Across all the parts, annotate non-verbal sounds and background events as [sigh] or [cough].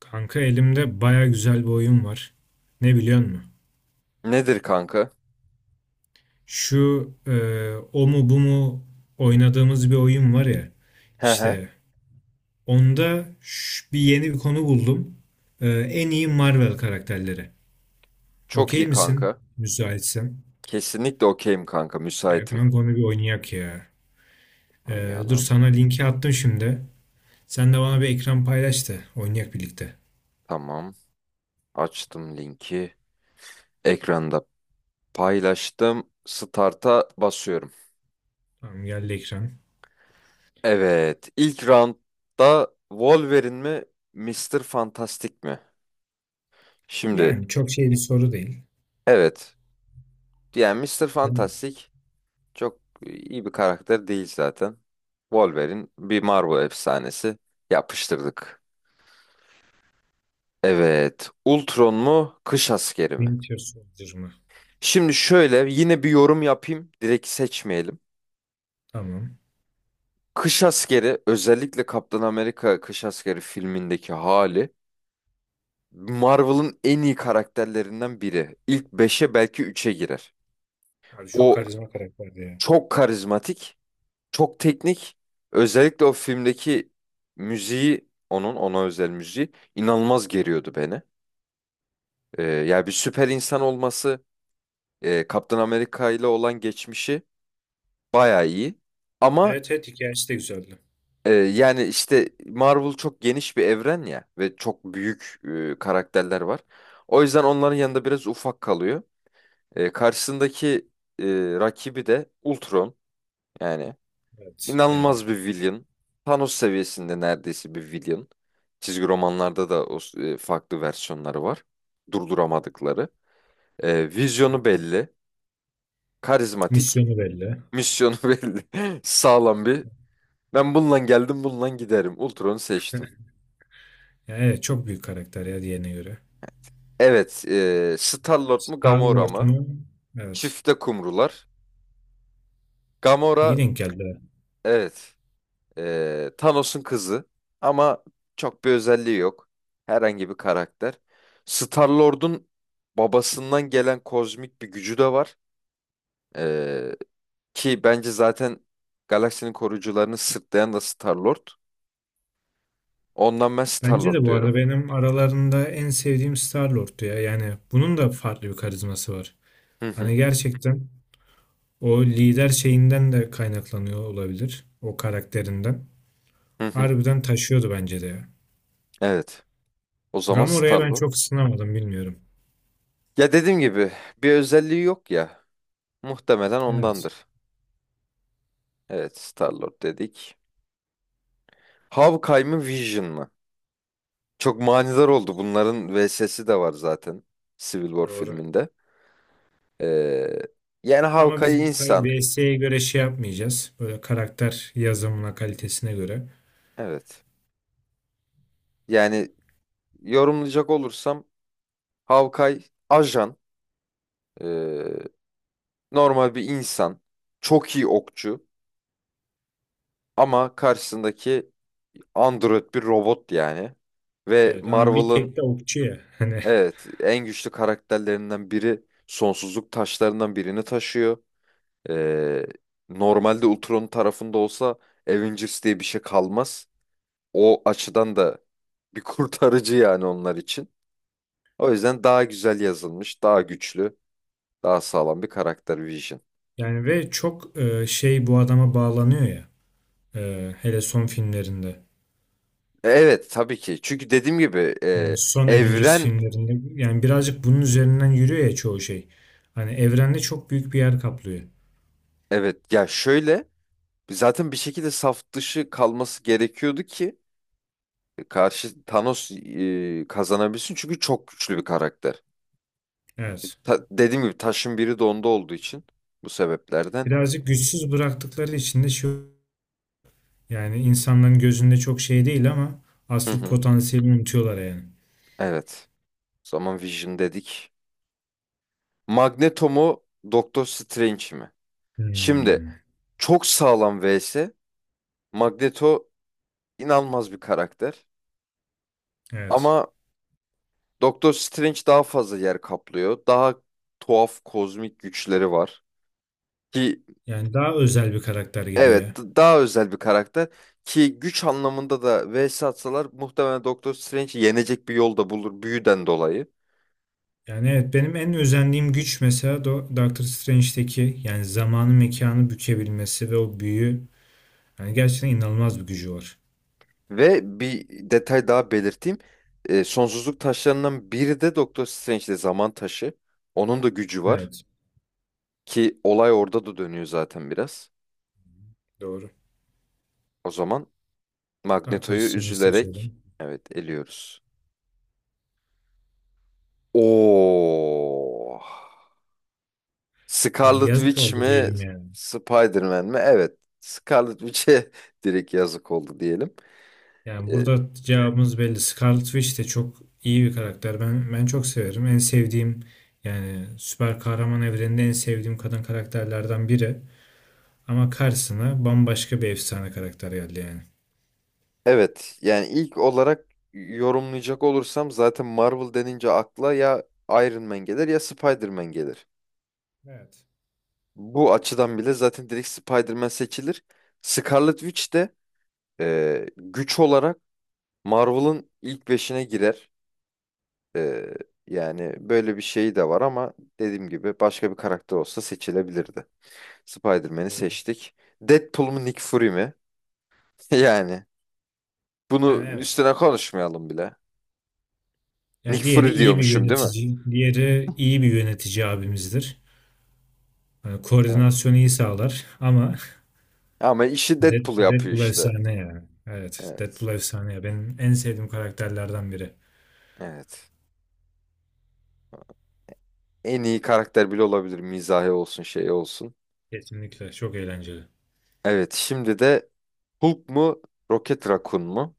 Kanka elimde baya güzel bir oyun var. Ne biliyor musun? Nedir kanka? Şu e, O mu bu mu oynadığımız bir oyun var ya. He he. İşte onda bir yeni bir konu buldum. En iyi Marvel karakterleri. Çok Okey iyi misin? kanka. Müsaitsen. Kesinlikle okeyim kanka. Müsaitim. Kanka onu bir oynayak ya. Dur Oynayalım. sana linki attım şimdi. Sen de bana bir ekran paylaş da oynayak birlikte. Tamam. Açtım linki. Ekranda paylaştım. Start'a basıyorum. Tamam, geldi ekran. Evet. İlk roundda Wolverine mi? Mister Fantastic mi? Şimdi Yani çok şey bir soru değil. evet. Yani Mister Değil mi? Fantastic çok iyi bir karakter değil zaten. Wolverine bir Marvel efsanesi. Yapıştırdık. Evet. Ultron mu? Kış askeri mi? Winter Soldier mı? Şimdi şöyle yine bir yorum yapayım. Direkt seçmeyelim. Tamam. Kış Askeri, özellikle Kaptan Amerika Kış Askeri filmindeki hali, Marvel'ın en iyi karakterlerinden biri. İlk beşe belki üçe girer. Abi çok O karizma karakterdi ya. çok karizmatik, çok teknik. Özellikle o filmdeki müziği, onun ona özel müziği inanılmaz geriyordu beni. Yani bir süper insan olması, Kaptan Amerika ile olan geçmişi bayağı iyi. Ama Evet, evet, hikayesi de güzeldi. Yani işte Marvel çok geniş bir evren ya, ve çok büyük karakterler var. O yüzden onların yanında biraz ufak kalıyor. Karşısındaki e, rakibi de Ultron, yani Evet yani. inanılmaz bir villain. Thanos seviyesinde neredeyse bir villain. Çizgi romanlarda da o, farklı versiyonları var. Durduramadıkları. E, Hı hı. vizyonu belli. Karizmatik. Misyonu belli. Yani Misyonu [laughs] belli. Sağlam bir. Ben bununla geldim, bununla giderim. Ultron'u seçtim. evet, çok büyük karakter ya diğerine göre. Evet, Star-Lord mu Gamora Star-Lord mı? mu? Evet. Çifte kumrular. Gamora, İyi denk geldi. evet, Thanos'un kızı ama çok bir özelliği yok. Herhangi bir karakter. Star-Lord'un babasından gelen kozmik bir gücü de var. E, ki bence zaten galaksinin koruyucularını sırtlayan da Star-Lord. Ondan ben Bence de Star-Lord bu arada diyorum. benim aralarında en sevdiğim Star-Lord'tu ya. Yani bunun da farklı bir karizması var. Hı hı, Hani gerçekten o lider şeyinden de kaynaklanıyor olabilir. O karakterinden. hı hı. Harbiden taşıyordu bence de ya. Evet, o zaman Gamora'ya ben Star-Lord. çok ısınamadım bilmiyorum. Ya dediğim gibi, bir özelliği yok ya. Muhtemelen Evet. ondandır. Evet, Star-Lord dedik. Hawkeye mı Vision mı? Çok manidar oldu. Bunların VS'si de var zaten. Civil War Doğru. filminde. Ee, yani Ama biz Hawkeye tabii insan. VS'ye göre şey yapmayacağız. Böyle karakter yazımına kalitesine göre. Evet. Yani yorumlayacak olursam, Hawkeye ajan. ee, normal bir insan. Çok iyi okçu. Ama karşısındaki android bir robot yani. Ve Evet ama bir Marvel'ın, tek de okçu ya. [laughs] Hani evet, en güçlü karakterlerinden biri, sonsuzluk taşlarından birini taşıyor. Ee, normalde Ultron'un tarafında olsa Avengers diye bir şey kalmaz. O açıdan da bir [laughs] kurtarıcı yani onlar için. O yüzden daha güzel yazılmış, daha güçlü, daha sağlam bir karakter Vision. Ve çok şey bu adama bağlanıyor ya. Hele son filmlerinde. Evet tabii ki. Çünkü dediğim gibi, Yani son Avengers evren, filmlerinde. Yani birazcık bunun üzerinden yürüyor ya çoğu şey. Hani evrende çok büyük bir yer kaplıyor. evet, ya şöyle, zaten bir şekilde saf dışı kalması gerekiyordu ki karşı Thanos kazanabilsin. Çünkü çok güçlü bir karakter. Evet. Dediğim gibi taşın biri de onda olduğu için, bu sebeplerden. Birazcık güçsüz bıraktıkları için de şu yani insanların gözünde çok şey değil ama Hı asıl hı. potansiyelini unutuyorlar yani. Evet. O zaman Vision dedik. Magneto mu Doktor Strange mi? Şimdi Hmm, çok sağlam vs. Magneto inanılmaz bir karakter. evet. Ama Doktor Strange daha fazla yer kaplıyor. Daha tuhaf kozmik güçleri var. Ki, Yani daha özel bir karakter gibi ya. evet, daha özel bir karakter. Ki güç anlamında da vs atsalar, muhtemelen Doktor Strange yenecek bir yol da bulur büyüden dolayı. Yani evet, benim en özendiğim güç mesela Doctor Strange'deki, yani zamanı mekanı bükebilmesi ve o büyü, yani gerçekten inanılmaz bir gücü var. Ve bir detay daha belirteyim. Sonsuzluk taşlarından biri de Doktor Strange'de, zaman taşı. Onun da gücü var, Evet, ki olay orada da dönüyor zaten biraz. doğru. O zaman Doctor Magneto'yu Strange'i üzülerek, seçelim. evet, eliyoruz. Oo. Yani Scarlet yazık Witch oldu mi, diyelim yani. Spider-Man mi? Evet. Scarlet Witch'e [laughs] direkt yazık oldu diyelim. Yani Ee, burada cevabımız belli. Scarlet Witch de çok iyi bir karakter. Ben çok severim. En sevdiğim, yani süper kahraman evreninde en sevdiğim kadın karakterlerden biri. Ama karşısına bambaşka bir efsane karakter geldi yani. Evet yani ilk olarak yorumlayacak olursam, zaten Marvel denince akla ya Iron Man gelir ya Spider-Man gelir. Evet. Bu açıdan bile zaten direkt Spider-Man seçilir. Scarlet Witch de güç olarak Marvel'ın ilk beşine girer. E, yani böyle bir şey de var, ama dediğim gibi başka bir karakter olsa seçilebilirdi. Spider-Man'i Doğru. seçtik. Deadpool mu Nick Fury mi? [laughs] Yani bunu Yani evet. üstüne konuşmayalım bile. Yani Nick diğeri Fury iyi bir diyormuşum değil mi? yönetici, diğeri iyi bir yönetici abimizdir. Yani koordinasyonu iyi sağlar ama Ama [laughs] işi Deadpool yapıyor Deadpool işte. efsane yani. Evet, Evet. Deadpool efsane ya. Benim en sevdiğim karakterlerden biri. Evet. En iyi karakter bile olabilir. Mizahi olsun, şey olsun. Kesinlikle çok eğlenceli. Evet, şimdi de Hulk mu, Rocket Raccoon mu?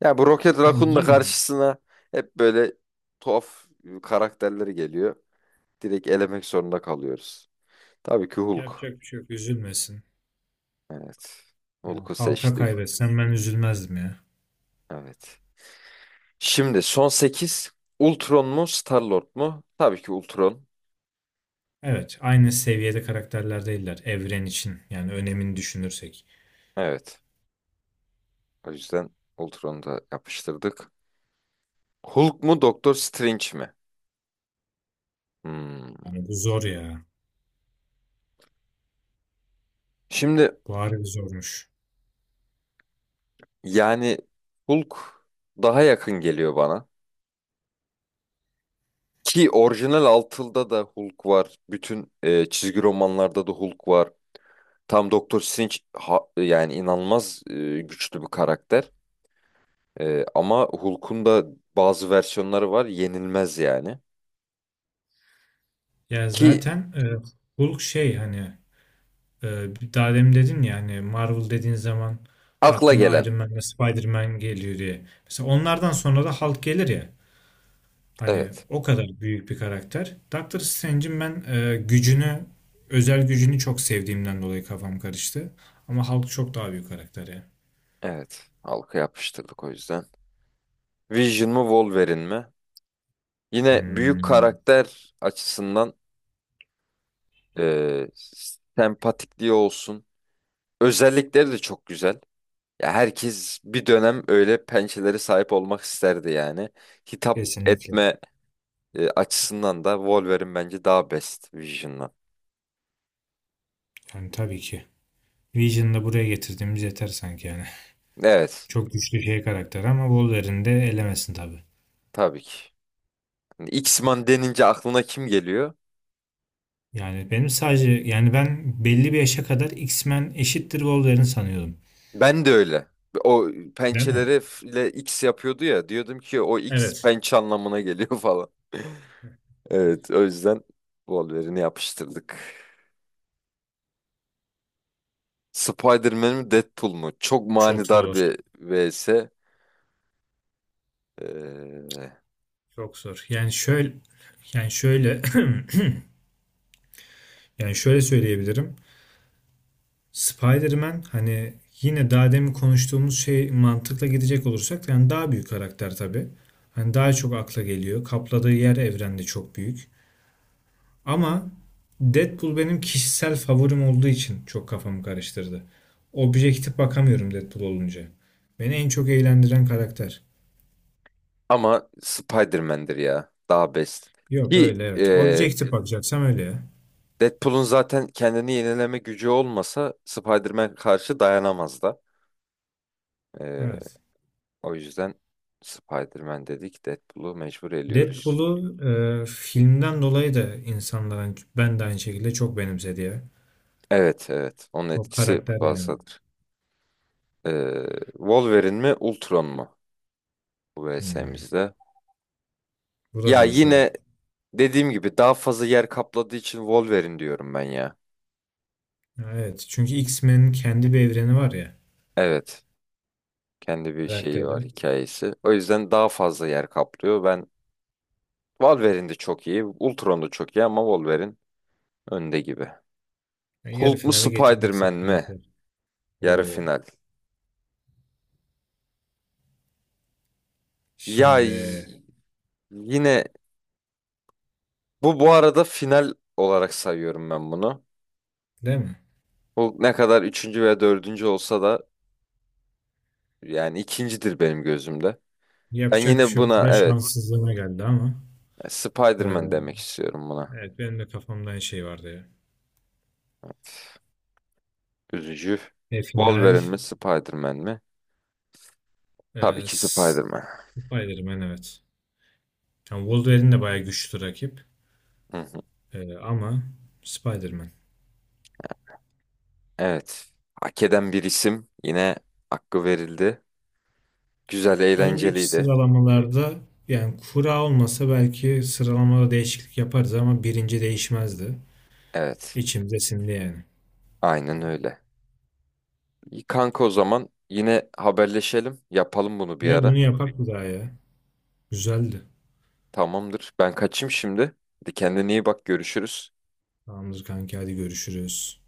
Ya bu Rocket Yani Raccoon da yine karşısına hep böyle tuhaf karakterleri geliyor. Direkt elemek zorunda kalıyoruz. Tabii ki Hulk. yapacak bir şey yok. Üzülmesin. Evet. Ya Hulk'u halka seçtik. kaybetsen ben üzülmezdim ya. Evet. Şimdi son sekiz: Ultron mu, Star-Lord mu? Tabii ki Ultron. Evet, aynı seviyede karakterler değiller evren için. Yani önemini düşünürsek. Evet. O yüzden Ultron'u da yapıştırdık. Hulk mu Doktor Strange mi? Hmm. Yani bu zor ya. Şimdi, Bu harbi zormuş. yani Hulk daha yakın geliyor bana. Ki orijinal Altıl'da da Hulk var. Bütün çizgi romanlarda da Hulk var. Tam Doktor Strange yani inanılmaz, güçlü bir karakter. Ama Hulk'un da bazı versiyonları var. Yenilmez yani. Ya Ki zaten e, Hulk şey hani Ee, daha demin dedin ya hani Marvel dediğin zaman akla aklına gelen. Iron Man ve Spider-Man geliyor diye. Mesela onlardan sonra da Hulk gelir ya. Hani Evet. o kadar büyük bir karakter. Doctor Strange'in ben gücünü, özel gücünü çok sevdiğimden dolayı kafam karıştı. Ama Hulk çok daha büyük karakter ya. Evet. Halka yapıştırdık o yüzden. Vision mu Wolverine mi? Yine büyük Hmm, karakter açısından, Ee, sempatikliği olsun. Özellikleri de çok güzel. Ya, herkes bir dönem öyle pençelere sahip olmak isterdi yani. Hitap kesinlikle. etme açısından da Wolverine bence daha best Vision'dan. Yani tabii ki. Vision'ı da buraya getirdiğimiz yeter sanki yani. Evet, Çok güçlü şey karakter ama Wolverine de elemesin tabii. tabii ki. Yani X-Man denince aklına kim geliyor? Yani benim sadece, yani ben belli bir yaşa kadar X-Men eşittir Wolverine sanıyordum. Ben de öyle. O Değil mi? pençeleri ile X yapıyordu ya. Diyordum ki o X Evet. pençe anlamına geliyor [laughs] falan. Evet, o yüzden Wolverine'i yapıştırdık. Spider-Man mi Deadpool mu? Çok Çok manidar zor. bir vs. Ee, Çok zor. Yani şöyle, [clears throat] yani şöyle söyleyebilirim. Spider-Man hani, yine daha demin konuştuğumuz şey mantıkla gidecek olursak yani daha büyük karakter tabii. Hani daha çok akla geliyor. Kapladığı yer evrende çok büyük. Ama Deadpool benim kişisel favorim olduğu için çok kafamı karıştırdı. Objektif bakamıyorum Deadpool olunca. Beni en çok eğlendiren karakter. ama Spider-Man'dir ya. Daha best. Yok Ki öyle evet. Objektif bakacaksam öyle ya. Deadpool'un zaten kendini yenileme gücü olmasa Spider-Man karşı dayanamaz da. Ee, Evet. o yüzden Spider-Man dedik. Deadpool'u mecbur eliyoruz. Deadpool'u filmden dolayı da insanların ben de aynı şekilde çok benimsedi ya. Evet, evet. Onun O etkisi karakter yani. fazladır. Ee, Wolverine mi Ultron mu? Bu Hmm, vs'mizde. bu da Ya zor soru. yine dediğim gibi, daha fazla yer kapladığı için Wolverine diyorum ben ya. Ha, evet. Çünkü X-Men'in kendi bir evreni var ya. Evet. Kendi bir şeyi Karakteri. var, hikayesi. O yüzden daha fazla yer kaplıyor. Ben, Wolverine de çok iyi, Ultron da çok iyi, ama Wolverine önde gibi. Ya, yarı Hulk mu finale getirdik Spider-Man zaten, mi? yeter. Yarı Oo. final. Ya Şimdi yine, bu arada final olarak sayıyorum ben bunu. değil mi? Hulk ne kadar üçüncü veya dördüncü olsa da, yani ikincidir benim gözümde. Ben Yapacak bir yine şey yok. buna, Kura evet, şanssızlığına geldi ama. Spider-Man Ee, demek istiyorum buna. evet benim de kafamda aynı şey vardı ya. Üzücü. E, final. Wolverine mi Spider-Man mi? Tabii E, ki S- Spider-Man. Spider-Man evet. Yani Wolverine de bayağı güçlü rakip. Hı hı. Ama Spider-Man. Evet. Hak eden bir isim. Yine hakkı verildi. Güzel, Önceki eğlenceliydi. sıralamalarda yani kura olmasa belki sıralamada değişiklik yaparız ama birinci değişmezdi. Evet. İçimde sindi yani. Aynen öyle. İyi kanka, o zaman yine haberleşelim. Yapalım bunu bir Ve ara. bunu yapak bir daha ya. Güzeldi. Tamamdır. Ben kaçayım şimdi. Hadi, kendine iyi bak. Görüşürüz. Tamamdır kanki, hadi görüşürüz.